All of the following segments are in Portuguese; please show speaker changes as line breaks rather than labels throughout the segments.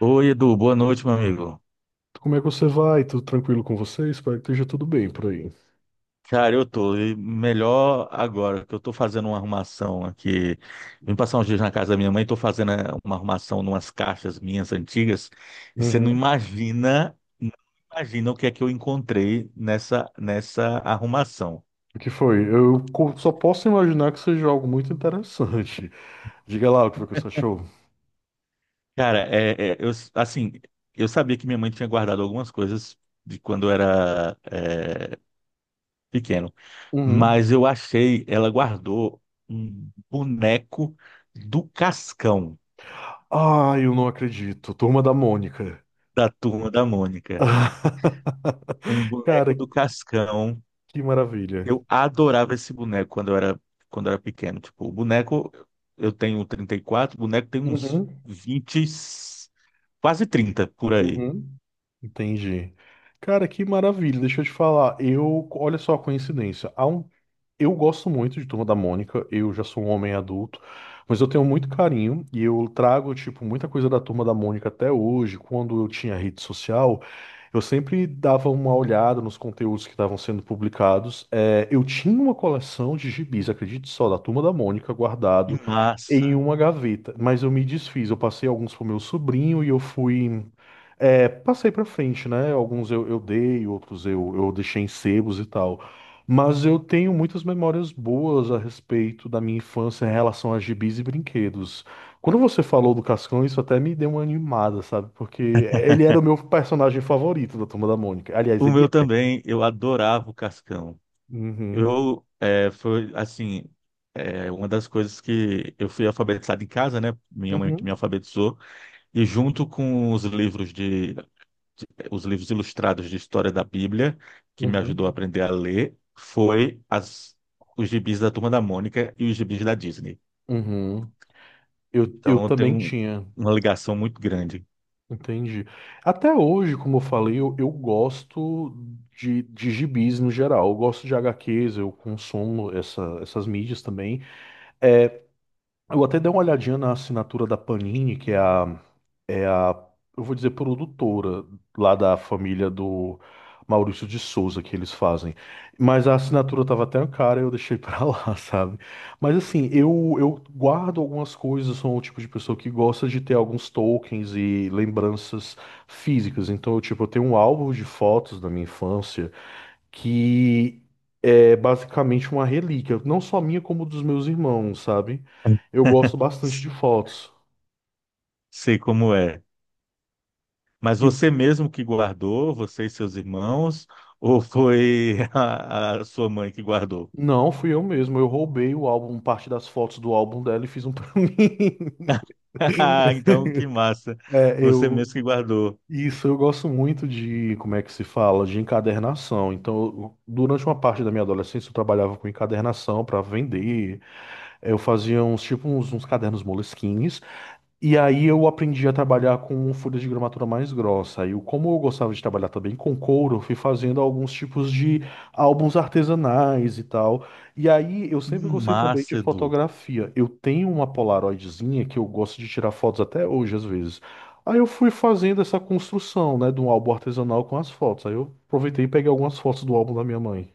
Oi, Edu, boa noite, meu amigo.
Como é que você vai? Tudo tranquilo com você? Espero que esteja tudo bem por aí.
Cara, eu tô e melhor agora, que eu tô fazendo uma arrumação aqui. Vim passar uns dias na casa da minha mãe, tô fazendo uma arrumação numas caixas minhas antigas, e você não
Uhum.
imagina, não imagina o que é que eu encontrei nessa arrumação.
O que foi? Só posso imaginar que seja algo muito interessante. Diga lá o que foi que você achou.
Cara, eu, assim, eu sabia que minha mãe tinha guardado algumas coisas de quando eu era pequeno.
Uhum.
Mas eu achei, ela guardou um boneco do Cascão,
Ah, eu não acredito. Turma da Mônica.
da Turma da Mônica. Um
Cara,
boneco do Cascão.
que maravilha.
Eu adorava esse boneco quando eu era pequeno. Tipo, o boneco, eu tenho 34, o boneco tem uns
Uhum.
20 quase 30 por aí.
Uhum. Entendi. Cara, que maravilha. Deixa eu te falar. Olha só a coincidência. Eu gosto muito de Turma da Mônica, eu já sou um homem adulto, mas eu tenho muito carinho e eu trago, tipo, muita coisa da Turma da Mônica até hoje. Quando eu tinha rede social, eu sempre dava uma olhada nos conteúdos que estavam sendo publicados. É, eu tinha uma coleção de gibis, acredite só, da Turma da Mônica
Que
guardado em
massa!
uma gaveta, mas eu me desfiz, eu passei alguns pro meu sobrinho e eu fui. É, passei pra frente, né? Alguns eu dei, outros eu deixei em sebos e tal. Mas eu tenho muitas memórias boas a respeito da minha infância em relação a gibis e brinquedos. Quando você falou do Cascão, isso até me deu uma animada, sabe? Porque ele era o meu personagem favorito da Turma da Mônica. Aliás,
O
ele
meu
é.
também, eu adorava o Cascão.
Uhum,
Eu, é, foi assim, é, uma das coisas que eu fui alfabetizado em casa, né? Minha mãe que me
uhum,
alfabetizou. E junto com os livros os livros ilustrados de história da Bíblia, que me ajudou a
uhum,
aprender a ler, foi as, os gibis da Turma da Mônica e os gibis da Disney.
uhum. Eu
Então
também tinha,
uma ligação muito grande.
entendi. Até hoje, como eu falei, eu gosto de gibis no geral. Eu gosto de HQs, eu consumo essas mídias também. É, eu até dei uma olhadinha na assinatura da Panini, que é a, é a, eu vou dizer, produtora lá da família do Maurício de Souza que eles fazem. Mas a assinatura tava até cara, eu deixei pra lá, sabe? Mas assim, eu guardo algumas coisas, sou o tipo de pessoa que gosta de ter alguns tokens e lembranças físicas. Então, eu, tipo, eu tenho um álbum de fotos da minha infância que é basicamente uma relíquia, não só minha, como dos meus irmãos, sabe? Eu gosto bastante de fotos.
Sei como é. Mas
E o-
você mesmo que guardou, você e seus irmãos, ou foi a sua mãe que guardou?
Não, fui eu mesmo. Eu roubei o álbum, parte das fotos do álbum dela e fiz um pra mim.
Então, que massa.
É,
Você
eu.
mesmo que guardou.
Isso, eu gosto muito de, como é que se fala, de encadernação. Então, durante uma parte da minha adolescência, eu trabalhava com encadernação para vender. Eu fazia uns, tipo, uns cadernos moleskines. E aí eu aprendi a trabalhar com folhas de gramatura mais grossa. E como eu gostava de trabalhar também com couro, eu fui fazendo alguns tipos de álbuns artesanais e tal. E aí eu
Que
sempre gostei também de
massa, Edu.
fotografia. Eu tenho uma Polaroidzinha que eu gosto de tirar fotos até hoje às vezes. Aí eu fui fazendo essa construção, né, de um álbum artesanal com as fotos. Aí eu aproveitei e peguei algumas fotos do álbum da minha mãe.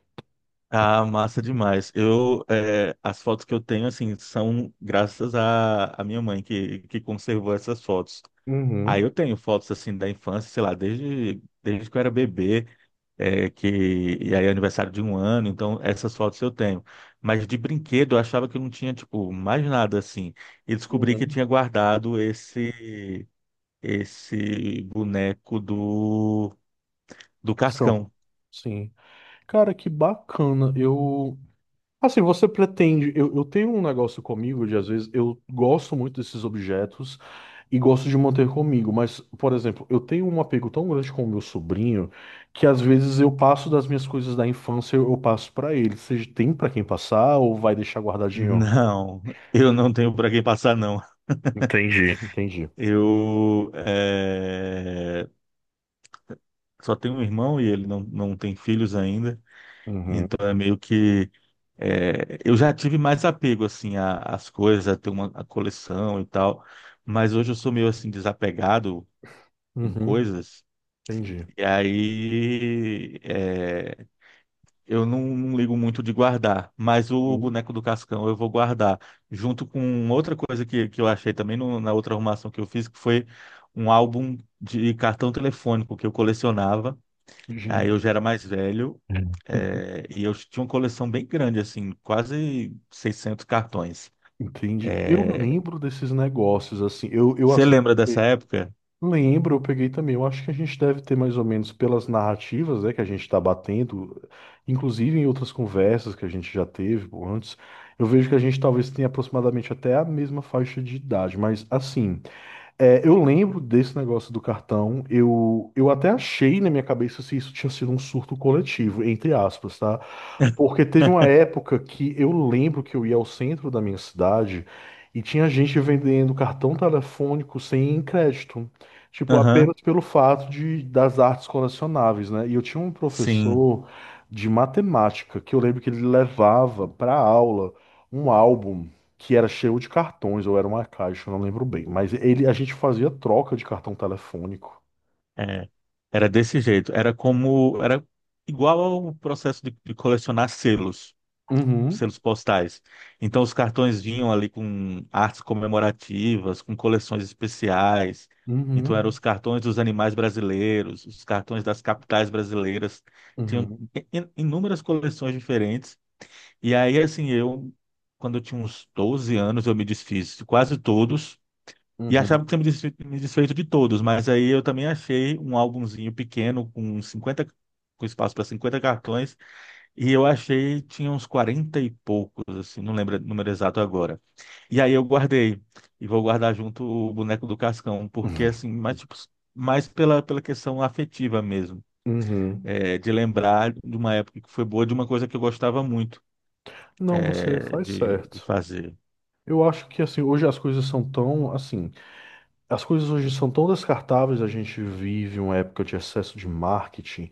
Ah, massa demais. Eu, é, as fotos que eu tenho, assim, são graças à minha mãe que conservou essas fotos. Aí
Uhum.
eu tenho fotos, assim, da infância, sei lá, desde que eu era bebê, é, que, e aí é aniversário de um ano, então essas fotos eu tenho. Mas de brinquedo eu achava que não tinha, tipo, mais nada, assim. E descobri que
Uhum.
tinha guardado esse boneco do, do
São,
Cascão.
sim. Cara, que bacana. Eu assim, você pretende. Eu tenho um negócio comigo de, às vezes, eu gosto muito desses objetos e gosto de manter comigo, mas, por exemplo, eu tenho um apego tão grande com o meu sobrinho que, às vezes, eu passo das minhas coisas da infância, eu passo pra ele. Seja, tem pra quem passar ou vai deixar guardadinho?
Não, eu não tenho para quem passar, não.
Entendi, entendi.
Eu só tenho um irmão e ele não, não tem filhos ainda,
Uhum,
então é meio que eu já tive mais apego assim às coisas, a ter uma a coleção e tal, mas hoje eu sou meio assim desapegado com
uhum,
coisas.
entendi.
E aí eu não, não ligo muito de guardar, mas o
Uhum.
boneco do Cascão eu vou guardar, junto com outra coisa que eu achei também na outra arrumação que eu fiz, que foi um álbum de cartão telefônico que eu colecionava. Aí eu
Gente.
já era mais velho, é, e eu tinha uma coleção bem grande, assim, quase 600 cartões.
Entendi. Eu
É,
lembro desses negócios, assim. Eu
você
assim.
lembra dessa época?
Lembro, eu peguei também. Eu acho que a gente deve ter mais ou menos pelas narrativas, né, que a gente está batendo, inclusive em outras conversas que a gente já teve pô, antes, eu vejo que a gente talvez tenha aproximadamente até a mesma faixa de idade. Mas assim, é, eu lembro desse negócio do cartão. Eu até achei na minha cabeça se isso tinha sido um surto coletivo, entre aspas, tá? Porque teve uma época que eu lembro que eu ia ao centro da minha cidade e tinha gente vendendo cartão telefônico sem crédito. Tipo,
Aham,
apenas pelo fato de, das artes colecionáveis, né? E eu tinha um
sim,
professor de matemática que eu lembro que ele levava para aula um álbum que era cheio de cartões, ou era uma caixa, eu não lembro bem. Mas ele, a gente fazia troca de cartão telefônico.
é. Era desse jeito. Era como, era igual ao processo de colecionar selos.
Uhum,
Selos postais. Então, os cartões vinham ali com artes comemorativas, com coleções especiais. Então, eram
uhum,
os cartões dos animais brasileiros, os cartões das capitais brasileiras. Tinham
uhum,
inúmeras coleções diferentes. E aí, assim, eu, quando eu tinha uns 12 anos, eu me desfiz de quase todos. E achava
uhum,
que tinha me desfeito de todos, mas aí eu também achei um álbumzinho pequeno com espaço para 50 cartões e eu achei, tinha uns 40 e poucos, assim, não lembro o número exato agora. E aí eu guardei, e vou guardar junto o boneco do Cascão, porque assim, mais, tipo, mais pela, pela questão afetiva mesmo,
uhum.
é, de lembrar de uma época que foi boa, de uma coisa que eu gostava muito,
Não, você
é,
faz
de
certo.
fazer.
Eu acho que assim, hoje as coisas são tão assim, as coisas hoje são tão descartáveis, a gente vive uma época de excesso de marketing,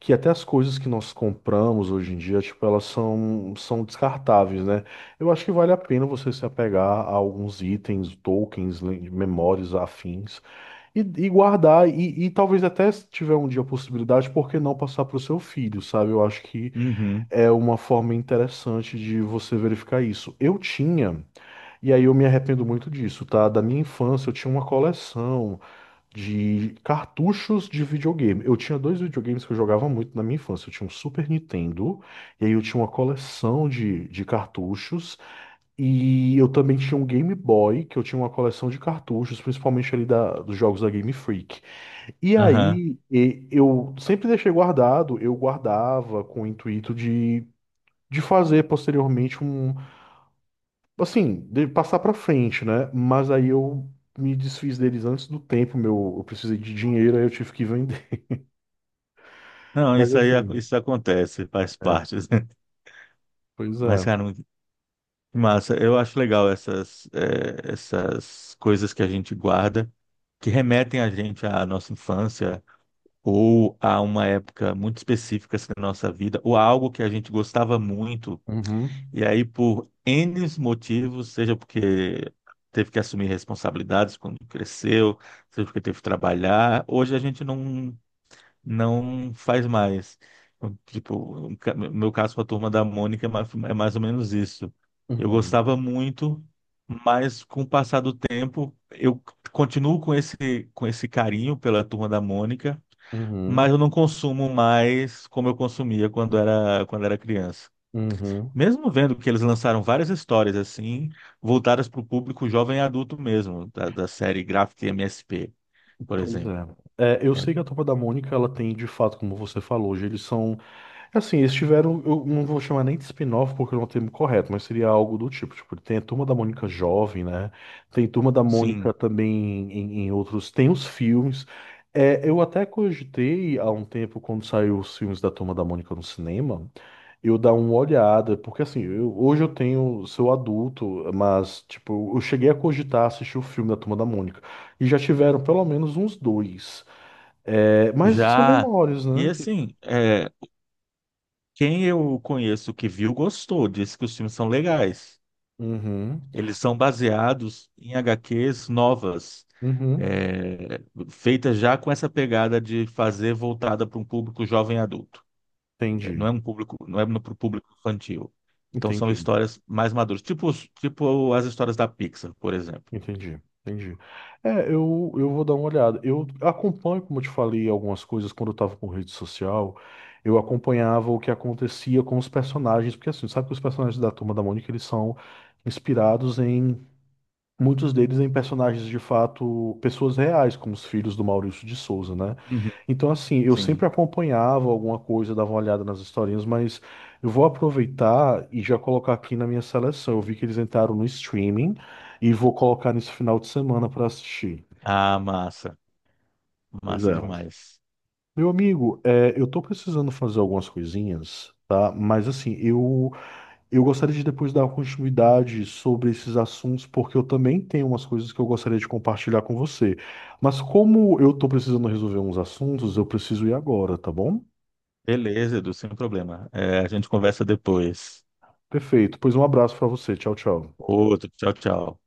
que até as coisas que nós compramos hoje em dia, tipo, elas são, são descartáveis, né? Eu acho que vale a pena você se apegar a alguns itens, tokens, memórias afins e guardar e talvez até se tiver um dia a possibilidade, por que não passar para o seu filho, sabe? Eu acho que
Uhum,
é uma forma interessante de você verificar isso. Eu tinha, e aí eu me arrependo muito disso, tá? Da minha infância, eu tinha uma coleção de cartuchos de videogame. Eu tinha dois videogames que eu jogava muito na minha infância. Eu tinha um Super Nintendo, e aí eu tinha uma coleção de cartuchos. E eu também tinha um Game Boy, que eu tinha uma coleção de cartuchos, principalmente ali da, dos jogos da Game Freak. E
aham.
aí, eu sempre deixei guardado, eu guardava com o intuito de fazer posteriormente um, assim, de passar pra frente, né? Mas aí eu me desfiz deles antes do tempo, meu, eu precisei de dinheiro, aí eu tive que vender.
Não,
Mas
isso aí,
enfim,
isso acontece, faz
é,
parte.
pois
Mas,
é.
cara, que massa, eu acho legal essas, é, essas coisas que a gente guarda, que remetem a gente à nossa infância, ou a uma época muito específica assim, da nossa vida, ou a algo que a gente gostava muito,
Uhum,
e aí por N motivos, seja porque teve que assumir responsabilidades quando cresceu, seja porque teve que trabalhar, hoje a gente não, não faz mais. Então, tipo, meu caso com a Turma da Mônica é mais ou menos isso. Eu
uhum,
gostava muito, mas com o passar do tempo, eu continuo com esse carinho pela Turma da Mônica,
uhum,
mas eu não consumo mais como eu consumia quando era criança.
uhum.
Mesmo vendo que eles lançaram várias histórias assim, voltadas para o público jovem e adulto mesmo, da série Graphic MSP, por
Pois
exemplo.
é. É, eu
É,
sei que a Turma da Mônica, ela tem, de fato, como você falou, hoje eles são assim, eles tiveram, eu não vou chamar nem de spin-off porque não é o termo correto, mas seria algo do tipo, tipo, tem a Turma da Mônica jovem, né? Tem Turma da Mônica
sim,
também em, em outros, tem os filmes. É, eu até cogitei há um tempo, quando saiu os filmes da Turma da Mônica no cinema, eu dar uma olhada, porque assim, hoje eu tenho, sou adulto, mas, tipo, eu cheguei a cogitar assistir o filme da Turma da Mônica, e já tiveram pelo menos uns dois. É, mas são
já.
memórias,
E
né? que-
assim, é, quem eu conheço que viu gostou, disse que os filmes são legais.
Uhum.
Eles são baseados em HQs novas,
Uhum.
é, feitas já com essa pegada de fazer voltada para um público jovem e adulto. Não
Entendi,
é um público, não é para o público infantil. Então são
entendi,
histórias mais maduras, tipo, tipo as histórias da Pixar, por exemplo.
entendi, entendi. É, eu vou dar uma olhada. Eu acompanho, como eu te falei, algumas coisas quando eu estava com rede social. Eu acompanhava o que acontecia com os personagens, porque assim, sabe que os personagens da Turma da Mônica, eles são inspirados em muitos deles em personagens de fato, pessoas reais, como os filhos do Maurício de Souza, né?
Uhum.
Então, assim, eu sempre
Sim.
acompanhava alguma coisa, dava uma olhada nas historinhas, mas eu vou aproveitar e já colocar aqui na minha seleção. Eu vi que eles entraram no streaming e vou colocar nesse final de semana para assistir.
Ah, massa.
Pois
Massa
é.
demais.
Meu amigo, é, eu tô precisando fazer algumas coisinhas, tá? Mas, assim, eu. Eu gostaria de depois dar continuidade sobre esses assuntos, porque eu também tenho umas coisas que eu gostaria de compartilhar com você. Mas como eu estou precisando resolver uns assuntos, eu preciso ir agora, tá bom?
Beleza, Edu, sem problema. É, a gente conversa depois.
Perfeito. Pois um abraço para você. Tchau, tchau.
Outro, tchau, tchau.